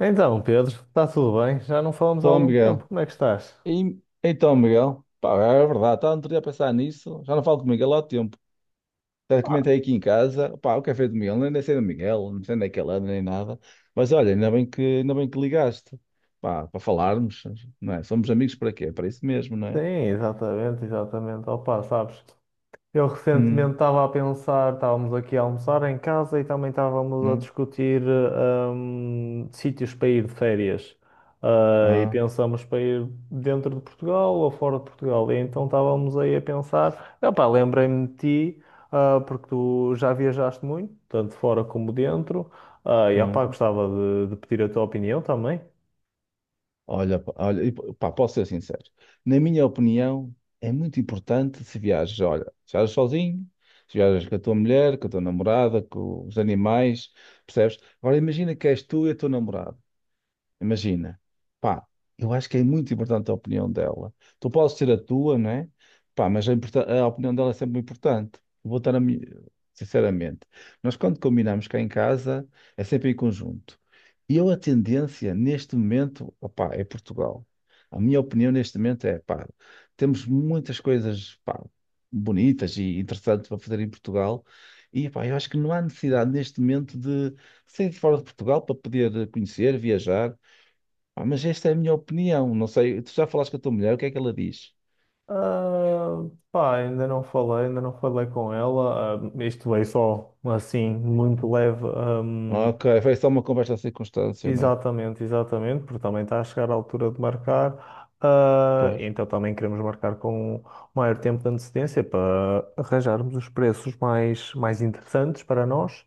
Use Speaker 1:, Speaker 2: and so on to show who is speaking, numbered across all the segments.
Speaker 1: Então, Pedro, está tudo bem? Já não falamos há
Speaker 2: Então,
Speaker 1: algum tempo.
Speaker 2: Miguel.
Speaker 1: Como é que estás?
Speaker 2: E- então, Miguel. Pá, é verdade, estava outro dia a pensar nisso. Já não falo com o Miguel há tempo. Até comentei aqui em casa. Pá, o café do Miguel. Nem sei do Miguel, não sei onde é que ele anda, nem nada. Mas olha, ainda bem que ligaste. Pá, para falarmos, não é? Somos amigos para quê? Para isso mesmo, não
Speaker 1: Sim,
Speaker 2: é?
Speaker 1: exatamente, exatamente. Opa, sabes, eu
Speaker 2: Hum,
Speaker 1: recentemente estava a pensar, estávamos aqui a almoçar em casa e também
Speaker 2: não
Speaker 1: estávamos a
Speaker 2: é?
Speaker 1: discutir sítios para ir de férias. E
Speaker 2: Ah,
Speaker 1: pensamos para ir dentro de Portugal ou fora de Portugal. E então estávamos aí a pensar, opa, lembrei-me de ti, porque tu já viajaste muito, tanto fora como dentro. E opa,
Speaker 2: ah.
Speaker 1: gostava de pedir a tua opinião também.
Speaker 2: Olha, pá, olha, e, pá, posso ser sincero. Na minha opinião, é muito importante se viajas, olha, se viajas sozinho, se viajas com a tua mulher, com a tua namorada, com os animais, percebes? Agora imagina que és tu e a tua namorada. Imagina, pá, eu acho que é muito importante a opinião dela. Tu podes ter a tua, não é? Pá, mas a, a opinião dela é sempre importante. Vou estar a mi- sinceramente. Nós quando combinamos cá em casa é sempre em conjunto. E eu a tendência neste momento, opá, é Portugal. A minha opinião neste momento é, pá, temos muitas coisas, pá, bonitas e interessantes para fazer em Portugal. E, pá, eu acho que não há necessidade neste momento de sair de fora de Portugal para poder conhecer, viajar. Ah, mas esta é a minha opinião. Não sei, tu já falaste com a tua mulher, o que é que ela diz?
Speaker 1: Ah, pá, ainda não falei com ela. Ah, isto veio só assim, muito leve. Ah,
Speaker 2: Ok, foi só uma conversa circunstancial.
Speaker 1: exatamente, exatamente, porque também está a chegar a altura de marcar,
Speaker 2: Pois.
Speaker 1: então também queremos marcar com o maior tempo de antecedência para arranjarmos os preços mais interessantes para nós.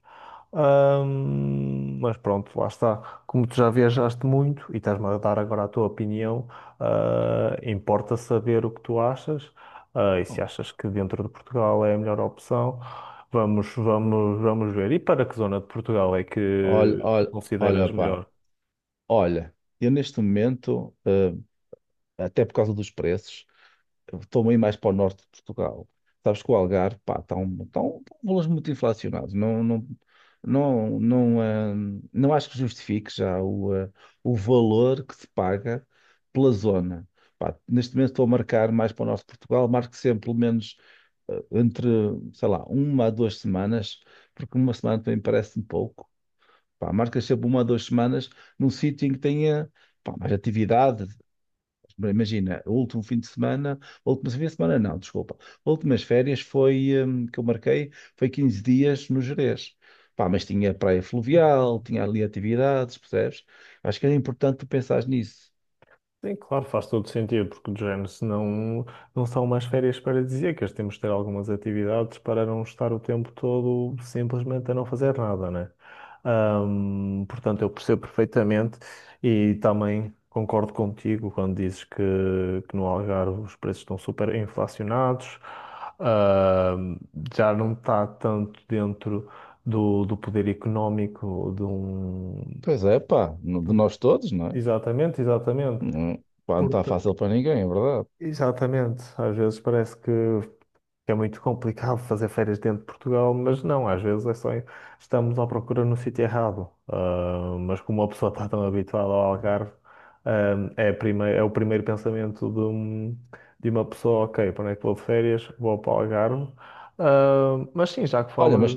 Speaker 1: Mas pronto, lá está. Como tu já viajaste muito e estás-me a dar agora a tua opinião, importa saber o que tu achas, e se
Speaker 2: Oh.
Speaker 1: achas que dentro de Portugal é a melhor opção. Vamos ver. E para que zona de Portugal é
Speaker 2: Olha,
Speaker 1: que tu
Speaker 2: olha, olha,
Speaker 1: consideras
Speaker 2: pá.
Speaker 1: melhor?
Speaker 2: Olha, eu neste momento, até por causa dos preços, estou meio mais para o norte de Portugal. Sabes que o Algarve, pá, está um valores muito inflacionados. Não, não, não, não, não acho que justifique já o valor que se paga pela zona. Pá, neste momento estou a marcar mais para o norte de Portugal, marco sempre pelo menos entre, sei lá, uma a duas semanas, porque uma semana também parece-me pouco. Pá, marcas sempre uma a duas semanas num sítio em que tenha, pá, mais atividade. Bem, imagina, o último fim de semana, o último fim de semana não, desculpa. Últimas férias foi, que eu marquei, foi 15 dias no Gerês. Pá, mas tinha praia fluvial, tinha ali atividades, percebes? Acho que era importante tu pensares nisso.
Speaker 1: Sim, claro, faz todo sentido, porque de género, se não, não são umas férias paradisíacas, temos de ter algumas atividades para não estar o tempo todo simplesmente a não fazer nada, né? Portanto, eu percebo perfeitamente e também concordo contigo quando que no Algarve os preços estão super inflacionados, ahm, já não está tanto dentro do poder económico de um.
Speaker 2: Pois é, pá,
Speaker 1: de
Speaker 2: de
Speaker 1: um-
Speaker 2: nós todos, não é?
Speaker 1: Exatamente, exatamente.
Speaker 2: Não, pá, não está fácil para ninguém, é verdade.
Speaker 1: Exatamente. Às vezes parece que é muito complicado fazer férias dentro de Portugal, mas não, às vezes é só estamos à procura no sítio errado. Ah, mas como a pessoa está tão habituada ao Algarve, ah, é, é o primeiro pensamento de uma pessoa, ok, para onde é que vou de férias? Vou para o Algarve. Ah, mas sim, já que
Speaker 2: Olha,
Speaker 1: falas,
Speaker 2: mas,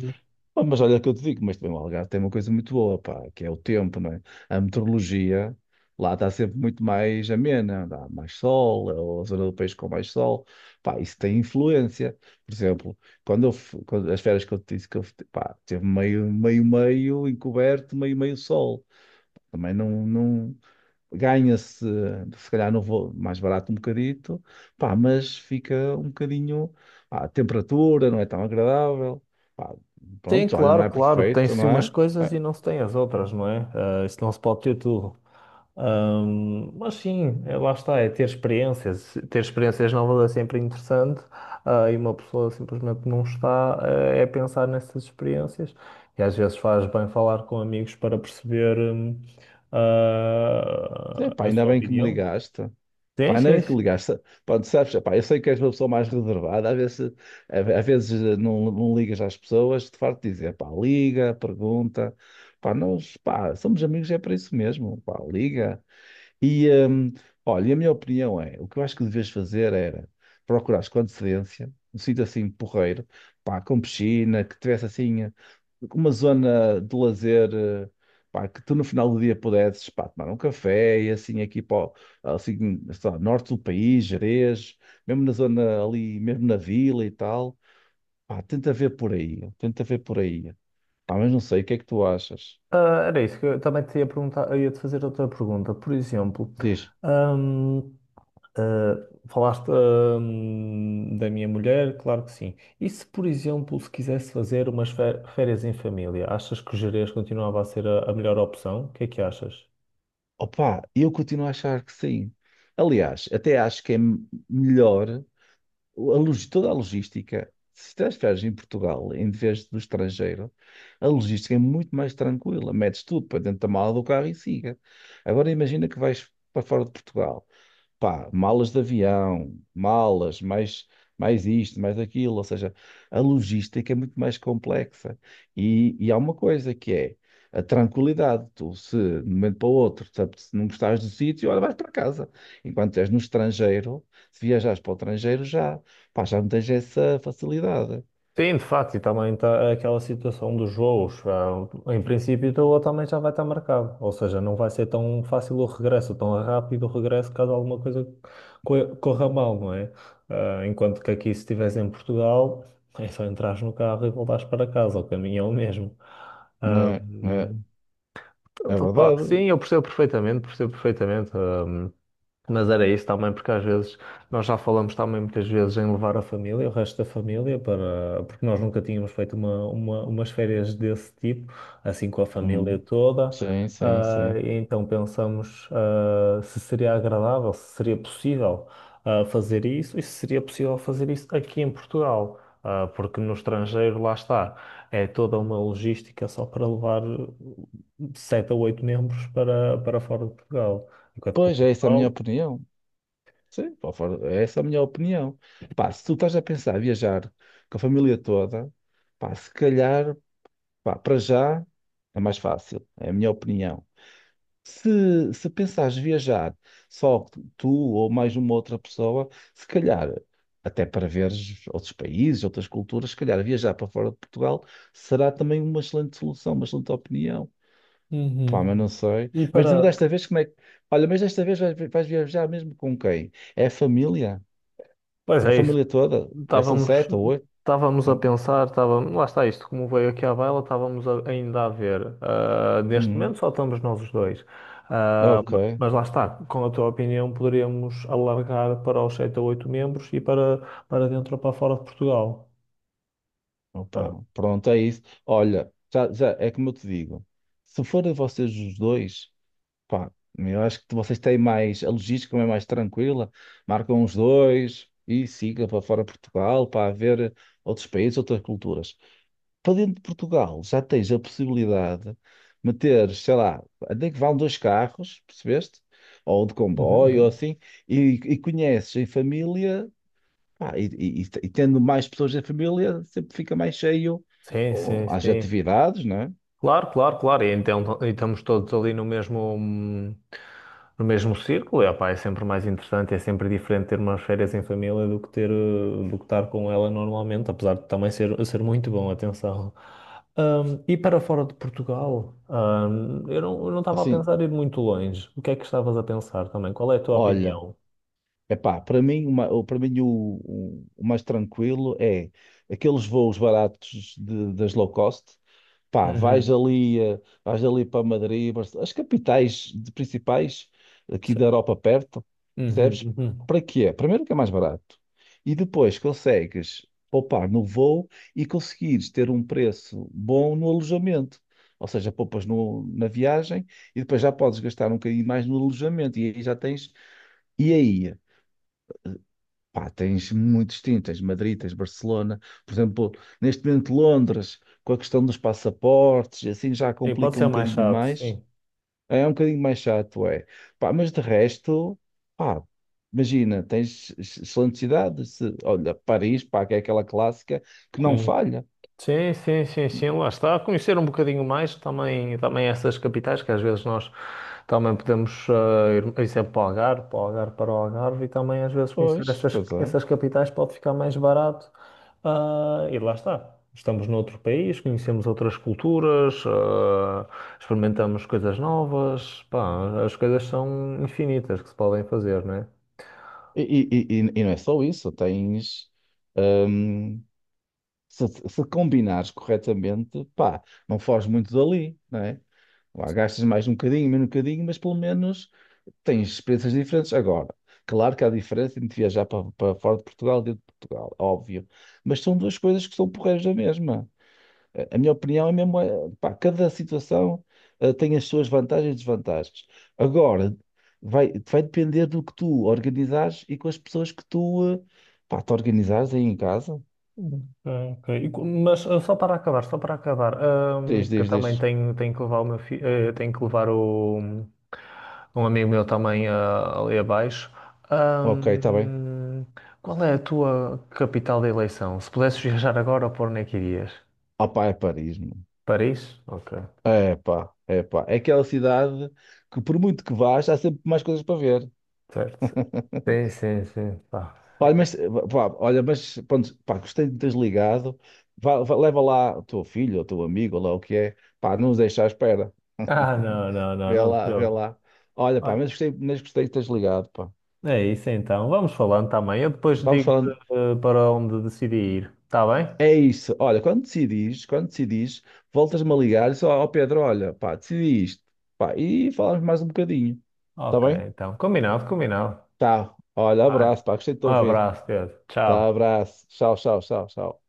Speaker 2: mas olha o que eu te digo, mas também o Algarve tem uma coisa muito boa, pá, que é o tempo, não é? A meteorologia lá está sempre muito mais amena, dá mais sol, é a zona do país com mais sol, pá, isso tem influência. Por exemplo, quando eu, fu- quando- as férias que eu te disse pá, teve meio, meio, meio encoberto, meio, meio sol. Também não, não ganha-se, se calhar não vou mais barato um bocadito, pá, mas fica um bocadinho, pá, a temperatura não é tão agradável, pá,
Speaker 1: tem,
Speaker 2: pronto, olha, não
Speaker 1: claro,
Speaker 2: é
Speaker 1: claro,
Speaker 2: perfeito,
Speaker 1: tem-se
Speaker 2: não
Speaker 1: umas
Speaker 2: é?
Speaker 1: coisas
Speaker 2: É,
Speaker 1: e não se tem as outras, não é? Ah, isso não se pode ter tudo. Mas sim, é, lá está, é ter experiências. Ter experiências novas é sempre interessante, e uma pessoa simplesmente não está, é pensar nessas experiências. E às vezes faz bem falar com amigos para perceber,
Speaker 2: é, pá,
Speaker 1: a
Speaker 2: ainda
Speaker 1: sua
Speaker 2: bem que me
Speaker 1: opinião.
Speaker 2: ligaste.
Speaker 1: Sim,
Speaker 2: Pá, ainda
Speaker 1: sim,
Speaker 2: bem que
Speaker 1: sim.
Speaker 2: ligaste. Pronto, sabes, pá, eu sei que és uma pessoa mais reservada, às vezes, às vezes não, não ligas às pessoas, de farto de dizer, pá, liga, pergunta, pá, nós, pá, somos amigos, é para isso mesmo, pá, liga. E, olha, e a minha opinião é, o que eu acho que devias fazer era procurares com antecedência, um sítio assim porreiro, pá, com piscina, que tivesse assim uma zona de lazer, pá, que tu no final do dia pudesses, pá, tomar um café e assim aqui assim, sei lá, norte do país, Jerez, mesmo na zona ali, mesmo na vila e tal, pá, tenta ver por aí, tenta ver por aí. Pá, mas não sei, o que é que tu achas?
Speaker 1: Era isso que eu também te ia perguntar, eu ia te fazer outra pergunta. Por exemplo,
Speaker 2: Diz.
Speaker 1: hum, Ah, falaste, da minha mulher? Claro que sim. E se, por exemplo, se quisesse fazer umas férias em família, achas que o Gerês continuava a ser a melhor opção? O que é que achas?
Speaker 2: Opa, eu continuo a achar que sim. Aliás, até acho que é melhor toda a logística. Se transferes em Portugal em vez do estrangeiro, a logística é muito mais tranquila. Metes tudo para dentro da mala do carro e siga. Agora imagina que vais para fora de Portugal, pá, malas de avião, malas, mais, mais isto, mais aquilo. Ou seja, a logística é muito mais complexa. E há uma coisa que é a tranquilidade. Tu, se de um momento para o outro, se não gostares do sítio, olha, vais para casa. Enquanto és no estrangeiro, se viajares para o estrangeiro, já, pá, já não tens essa facilidade.
Speaker 1: Sim, de facto, e também está aquela situação dos voos. Em princípio, o teu também já vai estar marcado. Ou seja, não vai ser tão fácil o regresso, tão rápido o regresso, caso alguma coisa corra mal, não é? Enquanto que aqui, se estivesse em Portugal, é só entrares no carro e voltares para casa. O caminho é o mesmo.
Speaker 2: Não
Speaker 1: Ah,
Speaker 2: é, não é,
Speaker 1: hum,
Speaker 2: é
Speaker 1: portanto, pá,
Speaker 2: verdade.
Speaker 1: sim, eu percebo perfeitamente, percebo perfeitamente. Mas era isso também, porque às vezes nós já falamos também muitas vezes em levar a família, o resto da família, para, porque nós nunca tínhamos feito umas férias desse tipo, assim com a família
Speaker 2: Hum,
Speaker 1: toda.
Speaker 2: sim, sim, sim.
Speaker 1: E então pensamos, se seria agradável, se seria possível, fazer isso e se seria possível fazer isso aqui em Portugal. Ah, porque no estrangeiro, lá está, é toda uma logística só para levar sete a oito membros para fora de Portugal. Enquanto que o
Speaker 2: Pois é, essa é a minha
Speaker 1: Portugal.
Speaker 2: opinião. Sim, pá, essa é a minha opinião. Pá, se tu estás a pensar em viajar com a família toda, pá, se calhar, pá, para já é mais fácil, é a minha opinião. Se pensares viajar só tu ou mais uma outra pessoa, se calhar, até para veres outros países, outras culturas, se calhar viajar para fora de Portugal será também uma excelente solução, uma excelente opinião.
Speaker 1: Uhum.
Speaker 2: Pá, mas não sei.
Speaker 1: E
Speaker 2: Mas
Speaker 1: para.
Speaker 2: desta vez, como é que. Olha, mas desta vez vais viajar mesmo com quem? É a família?
Speaker 1: Pois
Speaker 2: É a
Speaker 1: é isso.
Speaker 2: família toda? É, são
Speaker 1: Estávamos,
Speaker 2: sete ou oito?
Speaker 1: estávamos a pensar, estávamos, lá está isto, como veio aqui à baila, ainda a ver. Ah, neste
Speaker 2: Uhum.
Speaker 1: momento só estamos nós os dois.
Speaker 2: Ok.
Speaker 1: Mas lá está, com a tua opinião, poderíamos alargar para os 7 ou 8 membros e para, para dentro ou para fora de Portugal. Ah,
Speaker 2: Opa, pronto, é isso. Olha, já é como eu te digo. Se forem vocês os dois, pá, eu acho que vocês têm mais, a logística é mais tranquila, marcam os dois e siga para fora de Portugal para ver outros países, outras culturas. Para dentro de Portugal já tens a possibilidade de meter, sei lá, até que vão dois carros, percebeste? Ou de
Speaker 1: uhum,
Speaker 2: comboio, ou
Speaker 1: uhum,
Speaker 2: assim, e conheces em família. Ah, e tendo mais pessoas da família, sempre fica mais cheio
Speaker 1: sim,
Speaker 2: oh,
Speaker 1: sim,
Speaker 2: às
Speaker 1: sim.
Speaker 2: atividades, não é?
Speaker 1: Claro, claro, claro. E então e estamos todos ali no mesmo, no mesmo círculo. E, opá, é sempre mais interessante, é sempre diferente ter umas férias em família do que do que estar com ela normalmente, apesar de também ser muito bom, atenção. E para fora de Portugal, eu eu não estava a
Speaker 2: Assim,
Speaker 1: pensar em ir muito longe. O que é que estavas a pensar também? Qual é a tua
Speaker 2: olha,
Speaker 1: opinião?
Speaker 2: epá, para mim o mais tranquilo é aqueles voos baratos das low cost. Pá, vais
Speaker 1: Uhum.
Speaker 2: ali, vais ali para Madrid, Barcelona, as capitais principais aqui
Speaker 1: Se-
Speaker 2: da Europa perto,
Speaker 1: uhum,
Speaker 2: percebes?
Speaker 1: uhum.
Speaker 2: Para quê? Primeiro que é mais barato. E depois consegues poupar no voo e conseguires ter um preço bom no alojamento. Ou seja, poupas na viagem e depois já podes gastar um bocadinho mais no alojamento. E aí já tens. E aí? Pá, tens Madrid, tens Barcelona, por exemplo, neste momento Londres, com a questão dos passaportes, e assim já
Speaker 1: Sim, pode
Speaker 2: complica um
Speaker 1: ser mais
Speaker 2: bocadinho
Speaker 1: chato,
Speaker 2: mais,
Speaker 1: sim.
Speaker 2: é um bocadinho mais chato, é. Pá, mas de resto, pá, imagina, tens excelentes cidades, olha, Paris, pá, que é aquela clássica que não
Speaker 1: Sim,
Speaker 2: falha.
Speaker 1: sim, sim, sim, sim, lá está. Conhecer um bocadinho mais também, também essas capitais, que às vezes nós também podemos ir, por exemplo, para o Algarve, para o Algarve, para o Algarve, e também às vezes conhecer
Speaker 2: Pois, pois é.
Speaker 1: essas capitais pode ficar mais barato. E lá está. Estamos noutro país, conhecemos outras culturas, experimentamos coisas novas. Pá, as coisas são infinitas que se podem fazer, não é?
Speaker 2: E não é só isso, tens, hum, se combinares corretamente, pá, não foges muito dali, não é? Lá gastas mais um bocadinho, menos um bocadinho, mas pelo menos tens experiências diferentes agora. Claro que há diferença entre viajar para, para fora de Portugal e dentro de Portugal, óbvio. Mas são duas coisas que são porreiras da mesma. A minha opinião é mesmo, pá, cada situação tem as suas vantagens e desvantagens. Agora, vai depender do que tu organizares e com as pessoas que tu, pá, te organizares aí em casa.
Speaker 1: Ok, ok. Mas só para acabar,
Speaker 2: Diz,
Speaker 1: que eu
Speaker 2: diz,
Speaker 1: também
Speaker 2: diz.
Speaker 1: tenho que levar o meu filho, tenho que levar o, um amigo meu também ali abaixo.
Speaker 2: Ok, está bem.
Speaker 1: Ahm, qual é a tua capital de eleição? Se pudesses viajar agora, por onde é que irias?
Speaker 2: Opá, é Paris, meu.
Speaker 1: Paris? Ok,
Speaker 2: É pá, é pá. É aquela cidade que, por muito que vás, há sempre mais coisas para ver.
Speaker 1: certo. Sim, sim, sim. Pá,
Speaker 2: Olha,
Speaker 1: sim.
Speaker 2: mas, pá, olha, mas pronto, pá, gostei de teres ligado. Leva lá o teu filho, ou o teu amigo, ou lá o que é. Pá, não nos deixa à espera.
Speaker 1: Ah, não, não, não,
Speaker 2: Vê
Speaker 1: não te
Speaker 2: lá, vê
Speaker 1: preocupes.
Speaker 2: lá. Olha, pá,
Speaker 1: Olha,
Speaker 2: mas gostei de teres ligado, pá.
Speaker 1: é isso então, vamos falando também. Eu depois
Speaker 2: Vamos
Speaker 1: digo-te
Speaker 2: falando.
Speaker 1: para onde decidi ir, está bem?
Speaker 2: É isso. Olha, quando decidis, voltas-me a ligar e só, ó Pedro, olha, pá, decidi isto. Pá, e falamos mais um bocadinho. Está
Speaker 1: Ok,
Speaker 2: bem?
Speaker 1: então, combinado, combinado.
Speaker 2: Tá. Olha,
Speaker 1: Vai.
Speaker 2: abraço, pá, gostei de te
Speaker 1: Um
Speaker 2: ouvir.
Speaker 1: abraço, Pedro.
Speaker 2: Tá,
Speaker 1: Tchau.
Speaker 2: abraço. Tchau, tchau, tchau, tchau.